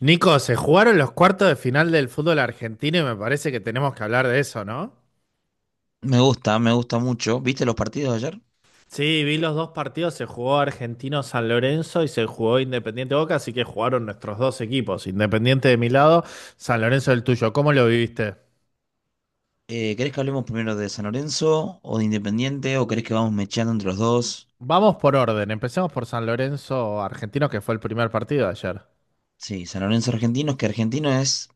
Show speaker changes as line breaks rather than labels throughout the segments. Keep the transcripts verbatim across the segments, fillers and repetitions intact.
Nico, se jugaron los cuartos de final del fútbol argentino y me parece que tenemos que hablar de eso, ¿no?
Me gusta, me gusta mucho. ¿Viste los partidos de ayer?
Sí, vi los dos partidos, se jugó Argentino San Lorenzo y se jugó Independiente Boca, así que jugaron nuestros dos equipos, Independiente de mi lado, San Lorenzo del tuyo. ¿Cómo lo viviste?
Eh, ¿querés que hablemos primero de San Lorenzo o de Independiente o querés que vamos mecheando entre los dos?
Vamos por orden, empecemos por San Lorenzo Argentino, que fue el primer partido de ayer.
Sí, San Lorenzo Argentinos, que Argentino es,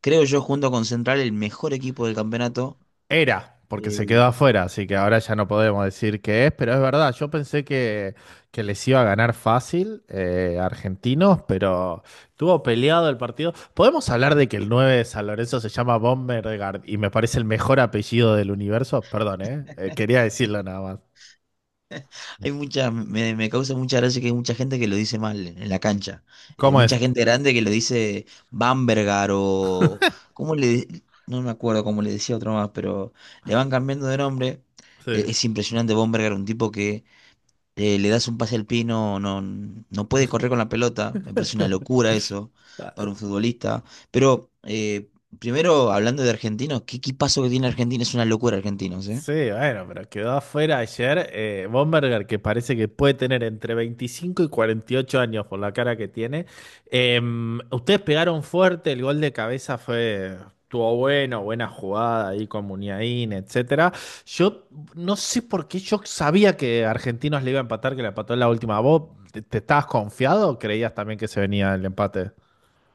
creo yo, junto con Central, el mejor equipo del campeonato.
Era, porque se quedó
Eh,
afuera, así que ahora ya no podemos decir qué es, pero es verdad, yo pensé que, que les iba a ganar fácil eh, argentinos, pero estuvo peleado el partido. Podemos hablar de que el nueve de San Lorenzo se llama Bombergard y me parece el mejor apellido del universo, perdón, ¿eh? Eh, quería decirlo nada más.
Hay mucha, me, me causa mucha gracia que hay mucha gente que lo dice mal en la cancha. Eh,
¿Cómo es?
mucha gente grande que lo dice Bambergar o... ¿Cómo le...? No me acuerdo cómo le decía otro más, pero le van cambiando de nombre. Eh,
Sí.
es impresionante Bambergar, un tipo que eh, le das un pase al pie, y no, no, no puede correr con la pelota. Me parece una locura eso para un futbolista. Pero eh, primero, hablando de argentinos, ¿qué equipazo que tiene Argentina? Es una locura argentinos, ¿eh?
Sí, bueno, pero quedó afuera ayer eh, Bomberger, que parece que puede tener entre veinticinco y cuarenta y ocho años por la cara que tiene. Eh, Ustedes pegaron fuerte, el gol de cabeza fue, estuvo bueno, buena jugada ahí con Muniain, etcétera. Yo no sé por qué yo sabía que Argentinos le iba a empatar, que le empató en la última. ¿Vos te, te estabas confiado o creías también que se venía el empate?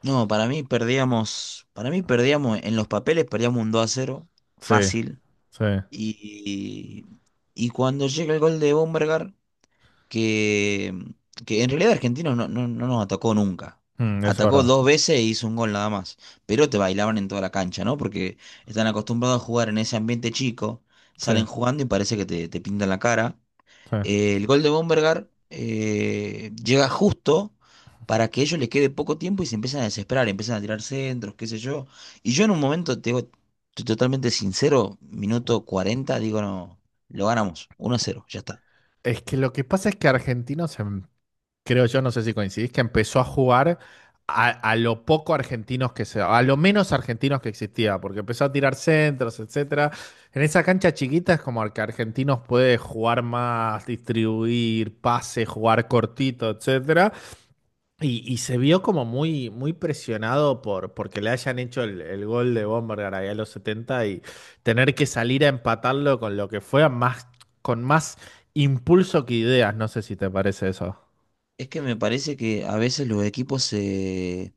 No, para mí perdíamos, para mí perdíamos en los papeles, perdíamos un dos a cero
Sí,
fácil.
sí.
Y, y cuando llega el gol de Bombergar que, que en realidad Argentinos no, no, no nos atacó nunca.
Mm, eso es
Atacó
verdad.
dos veces e hizo un gol nada más. Pero te bailaban en toda la cancha, ¿no? Porque están acostumbrados a jugar en ese ambiente chico.
Sí,
Salen jugando y parece que te, te pintan la cara.
sí.
Eh, el gol de Bombergar eh, llega justo para que ellos les quede poco tiempo y se empiezan a desesperar, empiezan a tirar centros, qué sé yo. Y yo en un momento, te digo, estoy totalmente sincero, minuto cuarenta digo, no, lo ganamos, uno a cero ya está.
Es que lo que pasa es que Argentinos em- creo yo, no sé si coincidís, que empezó a jugar a, a lo poco argentinos que se, a lo menos argentinos que existía, porque empezó a tirar centros, etcétera. En esa cancha chiquita es como al que argentinos puede jugar más, distribuir, pase, jugar cortito, etcétera. Y, y se vio como muy, muy presionado por porque le hayan hecho el, el gol de Bombergar ahí a los setenta y tener que salir a empatarlo con lo que fue más, con más impulso que ideas. No sé si te parece eso.
Es que me parece que a veces los equipos se...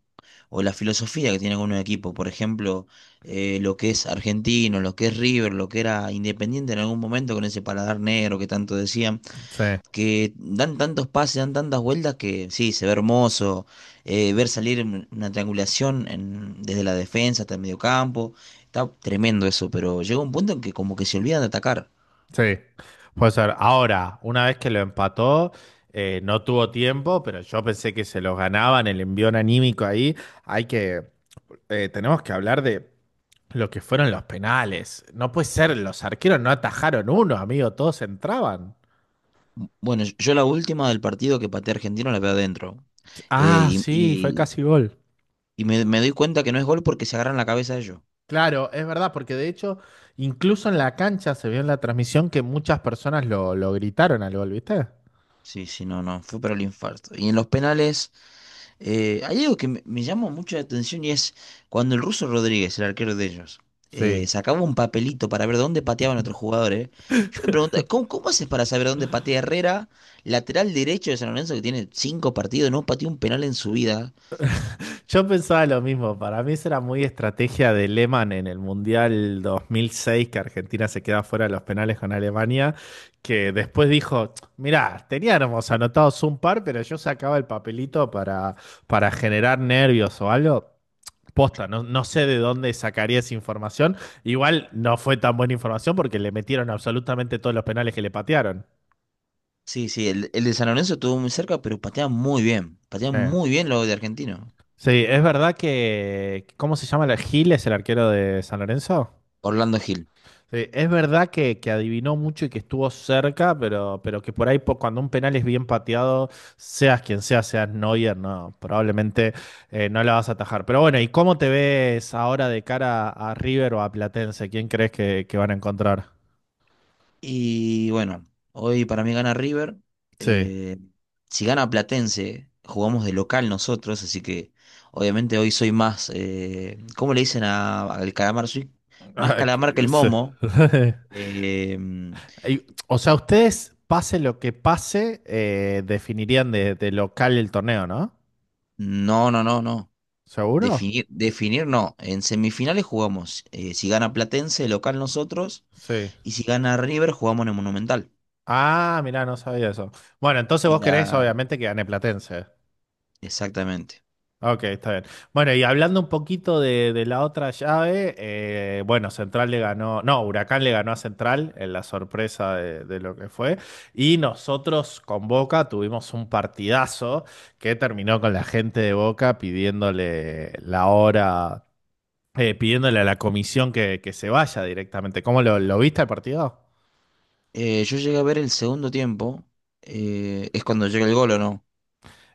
o la filosofía que tiene algunos equipos, por ejemplo, eh, lo que es Argentino, lo que es River, lo que era Independiente en algún momento con ese paladar negro que tanto decían,
Sí.
que dan tantos pases, dan tantas vueltas que sí, se ve hermoso, eh, ver salir un- una triangulación en- desde la defensa hasta el mediocampo, está tremendo eso, pero llega un punto en que como que se olvidan de atacar.
Sí, puede ser. Ahora, una vez que lo empató, eh, no tuvo tiempo, pero yo pensé que se los ganaban, el envión anímico ahí. Hay que, eh, tenemos que hablar de lo que fueron los penales. No puede ser, los arqueros no atajaron uno, amigo, todos entraban.
Bueno, yo yo la última del partido que pateé a Argentino la veo adentro.
Ah,
Eh,
sí, fue
y,
casi gol.
Y me, me doy cuenta que no es gol porque se agarran la cabeza ellos.
Claro, es verdad, porque de hecho, incluso en la cancha se vio en la transmisión que muchas personas lo, lo gritaron al gol, ¿viste?
Sí, sí, no, no, fue para el infarto. Y en los penales, eh, hay algo que me, me llamó mucho la atención y es cuando el ruso Rodríguez, el arquero de ellos, eh,
Sí.
sacaba un papelito para ver dónde pateaban otros jugadores. Yo me pregunto, ¿cómo, cómo haces para saber dónde patea Herrera, lateral derecho de San Lorenzo que tiene cinco partidos, no pateó un penal en su vida?
Yo pensaba lo mismo, para mí eso era muy estrategia de Lehmann en el Mundial dos mil seis, que Argentina se queda fuera de los penales con Alemania, que después dijo, mirá, teníamos anotados un par, pero yo sacaba el papelito para, para generar nervios o algo. Posta, no, no sé de dónde sacaría esa información. Igual no fue tan buena información porque le metieron absolutamente todos los penales que le patearon.
Sí, sí, el, el de San Lorenzo estuvo muy cerca, pero patea muy bien. Patea
Eh.
muy bien lo de argentino.
Sí, es verdad que, ¿cómo se llama? ¿Gil es el arquero de San Lorenzo?
Orlando Gil.
Sí, es verdad que, que adivinó mucho y que estuvo cerca, pero, pero que por ahí po- cuando un penal es bien pateado, seas quien sea, seas Neuer, no, probablemente eh, no la vas a atajar. Pero bueno, ¿y cómo te ves ahora de cara a, River o a Platense? ¿Quién crees que, que van a encontrar?
Y bueno, hoy para mí gana River.
Sí.
Eh, si gana Platense, jugamos de local nosotros, así que obviamente hoy soy más, eh, ¿cómo le dicen a- al calamar? Soy más
Ah,
calamar que
que-
el
sí.
momo. Eh,
Y, o sea, ustedes, pase lo que pase, eh, definirían de, de local el torneo, ¿no?
no, no, no, no.
¿Seguro?
Definir, definir no. En semifinales jugamos. Eh, si gana Platense, local nosotros.
Sí.
Y si gana River, jugamos en el Monumental.
Ah, mirá, no sabía eso. Bueno, entonces
Y
vos querés
la...
obviamente que gane Platense.
Exactamente.
Ok, está bien. Bueno, y hablando un poquito de, de la otra llave, eh, bueno, Central le ganó, no, Huracán le ganó a Central en la sorpresa de, de lo que fue. Y nosotros con Boca tuvimos un partidazo que terminó con la gente de Boca pidiéndole la hora, eh, pidiéndole a la comisión que, que se vaya directamente. ¿Cómo lo, lo viste el partido?
Eh, yo llegué a ver el segundo tiempo. Eh, ¿es cuando llega el gol o no?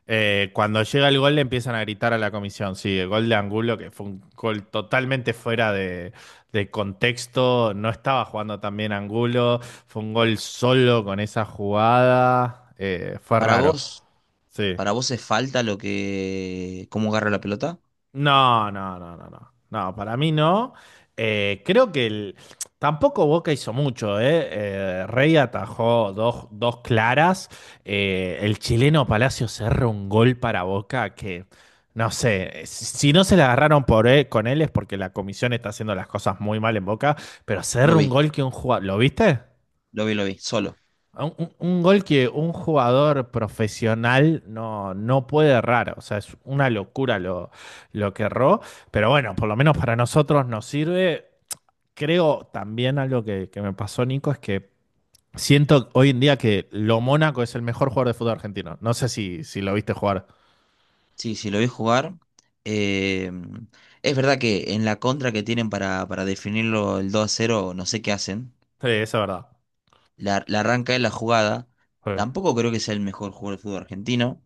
Eh, cuando llega el gol le empiezan a gritar a la comisión, sí, el gol de Angulo, que fue un gol totalmente fuera de, de contexto, no estaba jugando tan bien Angulo, fue un gol solo con esa jugada, eh, fue
Para
raro,
vos,
sí.
para vos es falta lo que, cómo agarra la pelota.
No, no, no, no, no. No, para mí no. Eh, creo que el- tampoco Boca hizo mucho, ¿eh? Eh, Rey atajó dos, dos claras. Eh, el chileno Palacio cerró un gol para Boca que, no sé, eh, si no se la agarraron por él- con él es porque la comisión está haciendo las cosas muy mal en Boca, pero
Lo
cerró un
vi.
gol que un jugador... ¿Lo viste?
Lo vi, lo vi, solo.
Un, un- un gol que un jugador profesional no, no puede errar, o sea, es una locura lo, lo que erró, pero bueno, por lo menos para nosotros nos sirve. Creo también algo que, que me pasó, Nico, es que siento hoy en día que Lo Mónaco es el mejor jugador de fútbol argentino. No sé si, si lo viste jugar.
Sí, sí, lo vi jugar. Eh, es verdad que en la contra que tienen para, para definirlo el dos a cero, no sé qué hacen.
Sí, eso es verdad.
La, la arranca de la jugada.
Sí.
Tampoco creo que sea el mejor jugador del fútbol argentino.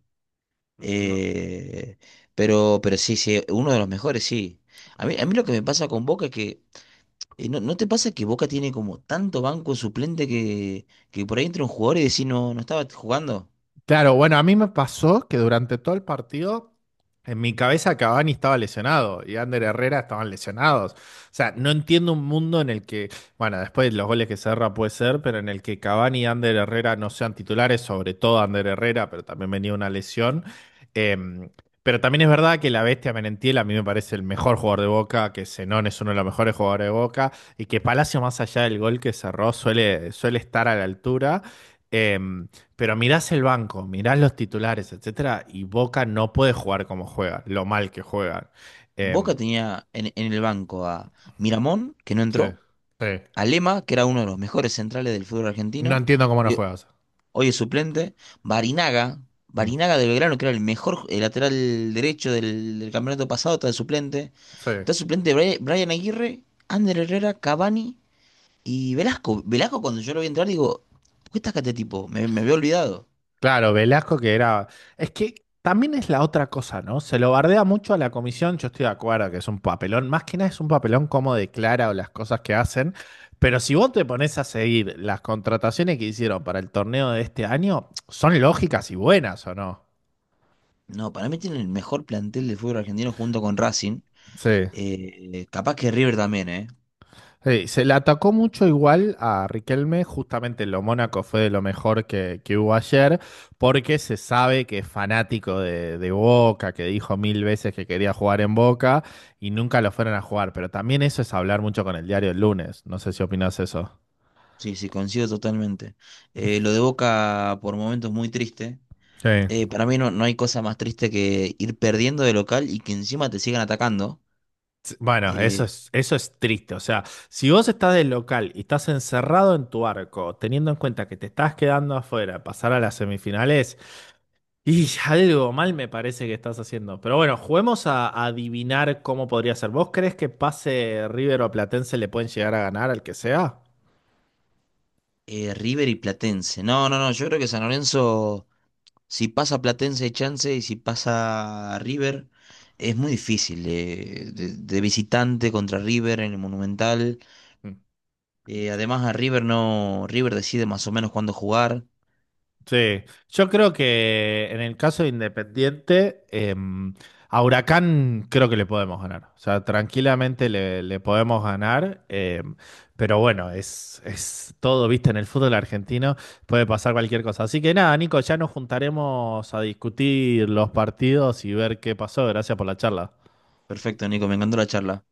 No.
Eh, pero, pero sí, sí, uno de los mejores, sí. A mí, a mí lo que me pasa con Boca es que Eh, ¿no, no te pasa que Boca tiene como tanto banco suplente que, que por ahí entra un jugador y decís no, no estaba jugando?
Claro, bueno, a mí me pasó que durante todo el partido en mi cabeza Cavani estaba lesionado y Ander Herrera estaban lesionados. O sea, no entiendo un mundo en el que, bueno, después los goles que cerra puede ser, pero en el que Cavani y Ander Herrera no sean titulares, sobre todo Ander Herrera, pero también venía una lesión. Eh, pero también es verdad que la bestia Merentiel a mí me parece el mejor jugador de Boca, que Zenón es uno de los mejores jugadores de Boca y que Palacio, más allá del gol que cerró, suele, suele estar a la altura. Eh, pero mirás el banco, mirás los titulares, etcétera, y Boca no puede jugar como juega, lo mal que juegan.
Boca
Em,
tenía en, en el banco a Miramón, que no
Sí,
entró,
sí.
a Lema, que era uno de los mejores centrales del fútbol
No
argentino,
entiendo cómo no
hoy,
juegas.
hoy es suplente, Barinaga,
Mm,
Barinaga de Belgrano, que era el mejor eh, lateral derecho del, del campeonato pasado, está de suplente,
sí.
está suplente Bri- Brian Aguirre, Ander Herrera, Cavani y Velasco. Velasco cuando yo lo vi entrar digo, ¿por qué está acá este tipo? Me, me había olvidado.
Claro, Velasco que era. Es que también es la otra cosa, ¿no? Se lo bardea mucho a la comisión, yo estoy de acuerdo que es un papelón, más que nada es un papelón como declara o las cosas que hacen, pero si vos te pones a seguir las contrataciones que hicieron para el torneo de este año, son lógicas y buenas, ¿o no?
No, para mí tiene el mejor plantel de fútbol argentino junto con Racing.
Sí,
Eh, capaz que River también, ¿eh?
sí, se le atacó mucho igual a Riquelme, justamente en lo Mónaco fue de lo mejor que, que hubo ayer, porque se sabe que es fanático de, de Boca, que dijo mil veces que quería jugar en Boca y nunca lo fueron a jugar, pero también eso es hablar mucho con el diario el lunes, no sé si opinas eso.
Sí, sí, coincido totalmente. Eh, lo de Boca por momentos muy triste.
Sí.
Eh, para mí no, no hay cosa más triste que ir perdiendo de local y que encima te sigan atacando.
Sí, bueno, eso
Eh,
es, eso es triste. O sea, si vos estás del local y estás encerrado en tu arco, teniendo en cuenta que te estás quedando afuera, pasar a las semifinales, y algo mal me parece que estás haciendo. Pero bueno, juguemos a, a adivinar cómo podría ser. ¿Vos crees que pase River o Platense le pueden llegar a ganar al que sea?
eh, River y Platense. No, no, no, yo creo que San Lorenzo, si pasa Platense hay chance y si pasa River, es muy difícil. eh, de, de visitante contra River en el Monumental.
Mm.
Eh, además a River no, River decide más o menos cuándo jugar.
Sí, yo creo que en el caso de Independiente, eh, a Huracán creo que le podemos ganar. O sea, tranquilamente le, le podemos ganar. Eh, pero bueno, es, es todo, viste, en el fútbol argentino puede pasar cualquier cosa. Así que nada, Nico, ya nos juntaremos a discutir los partidos y ver qué pasó. Gracias por la charla.
Perfecto, Nico, me encantó la charla.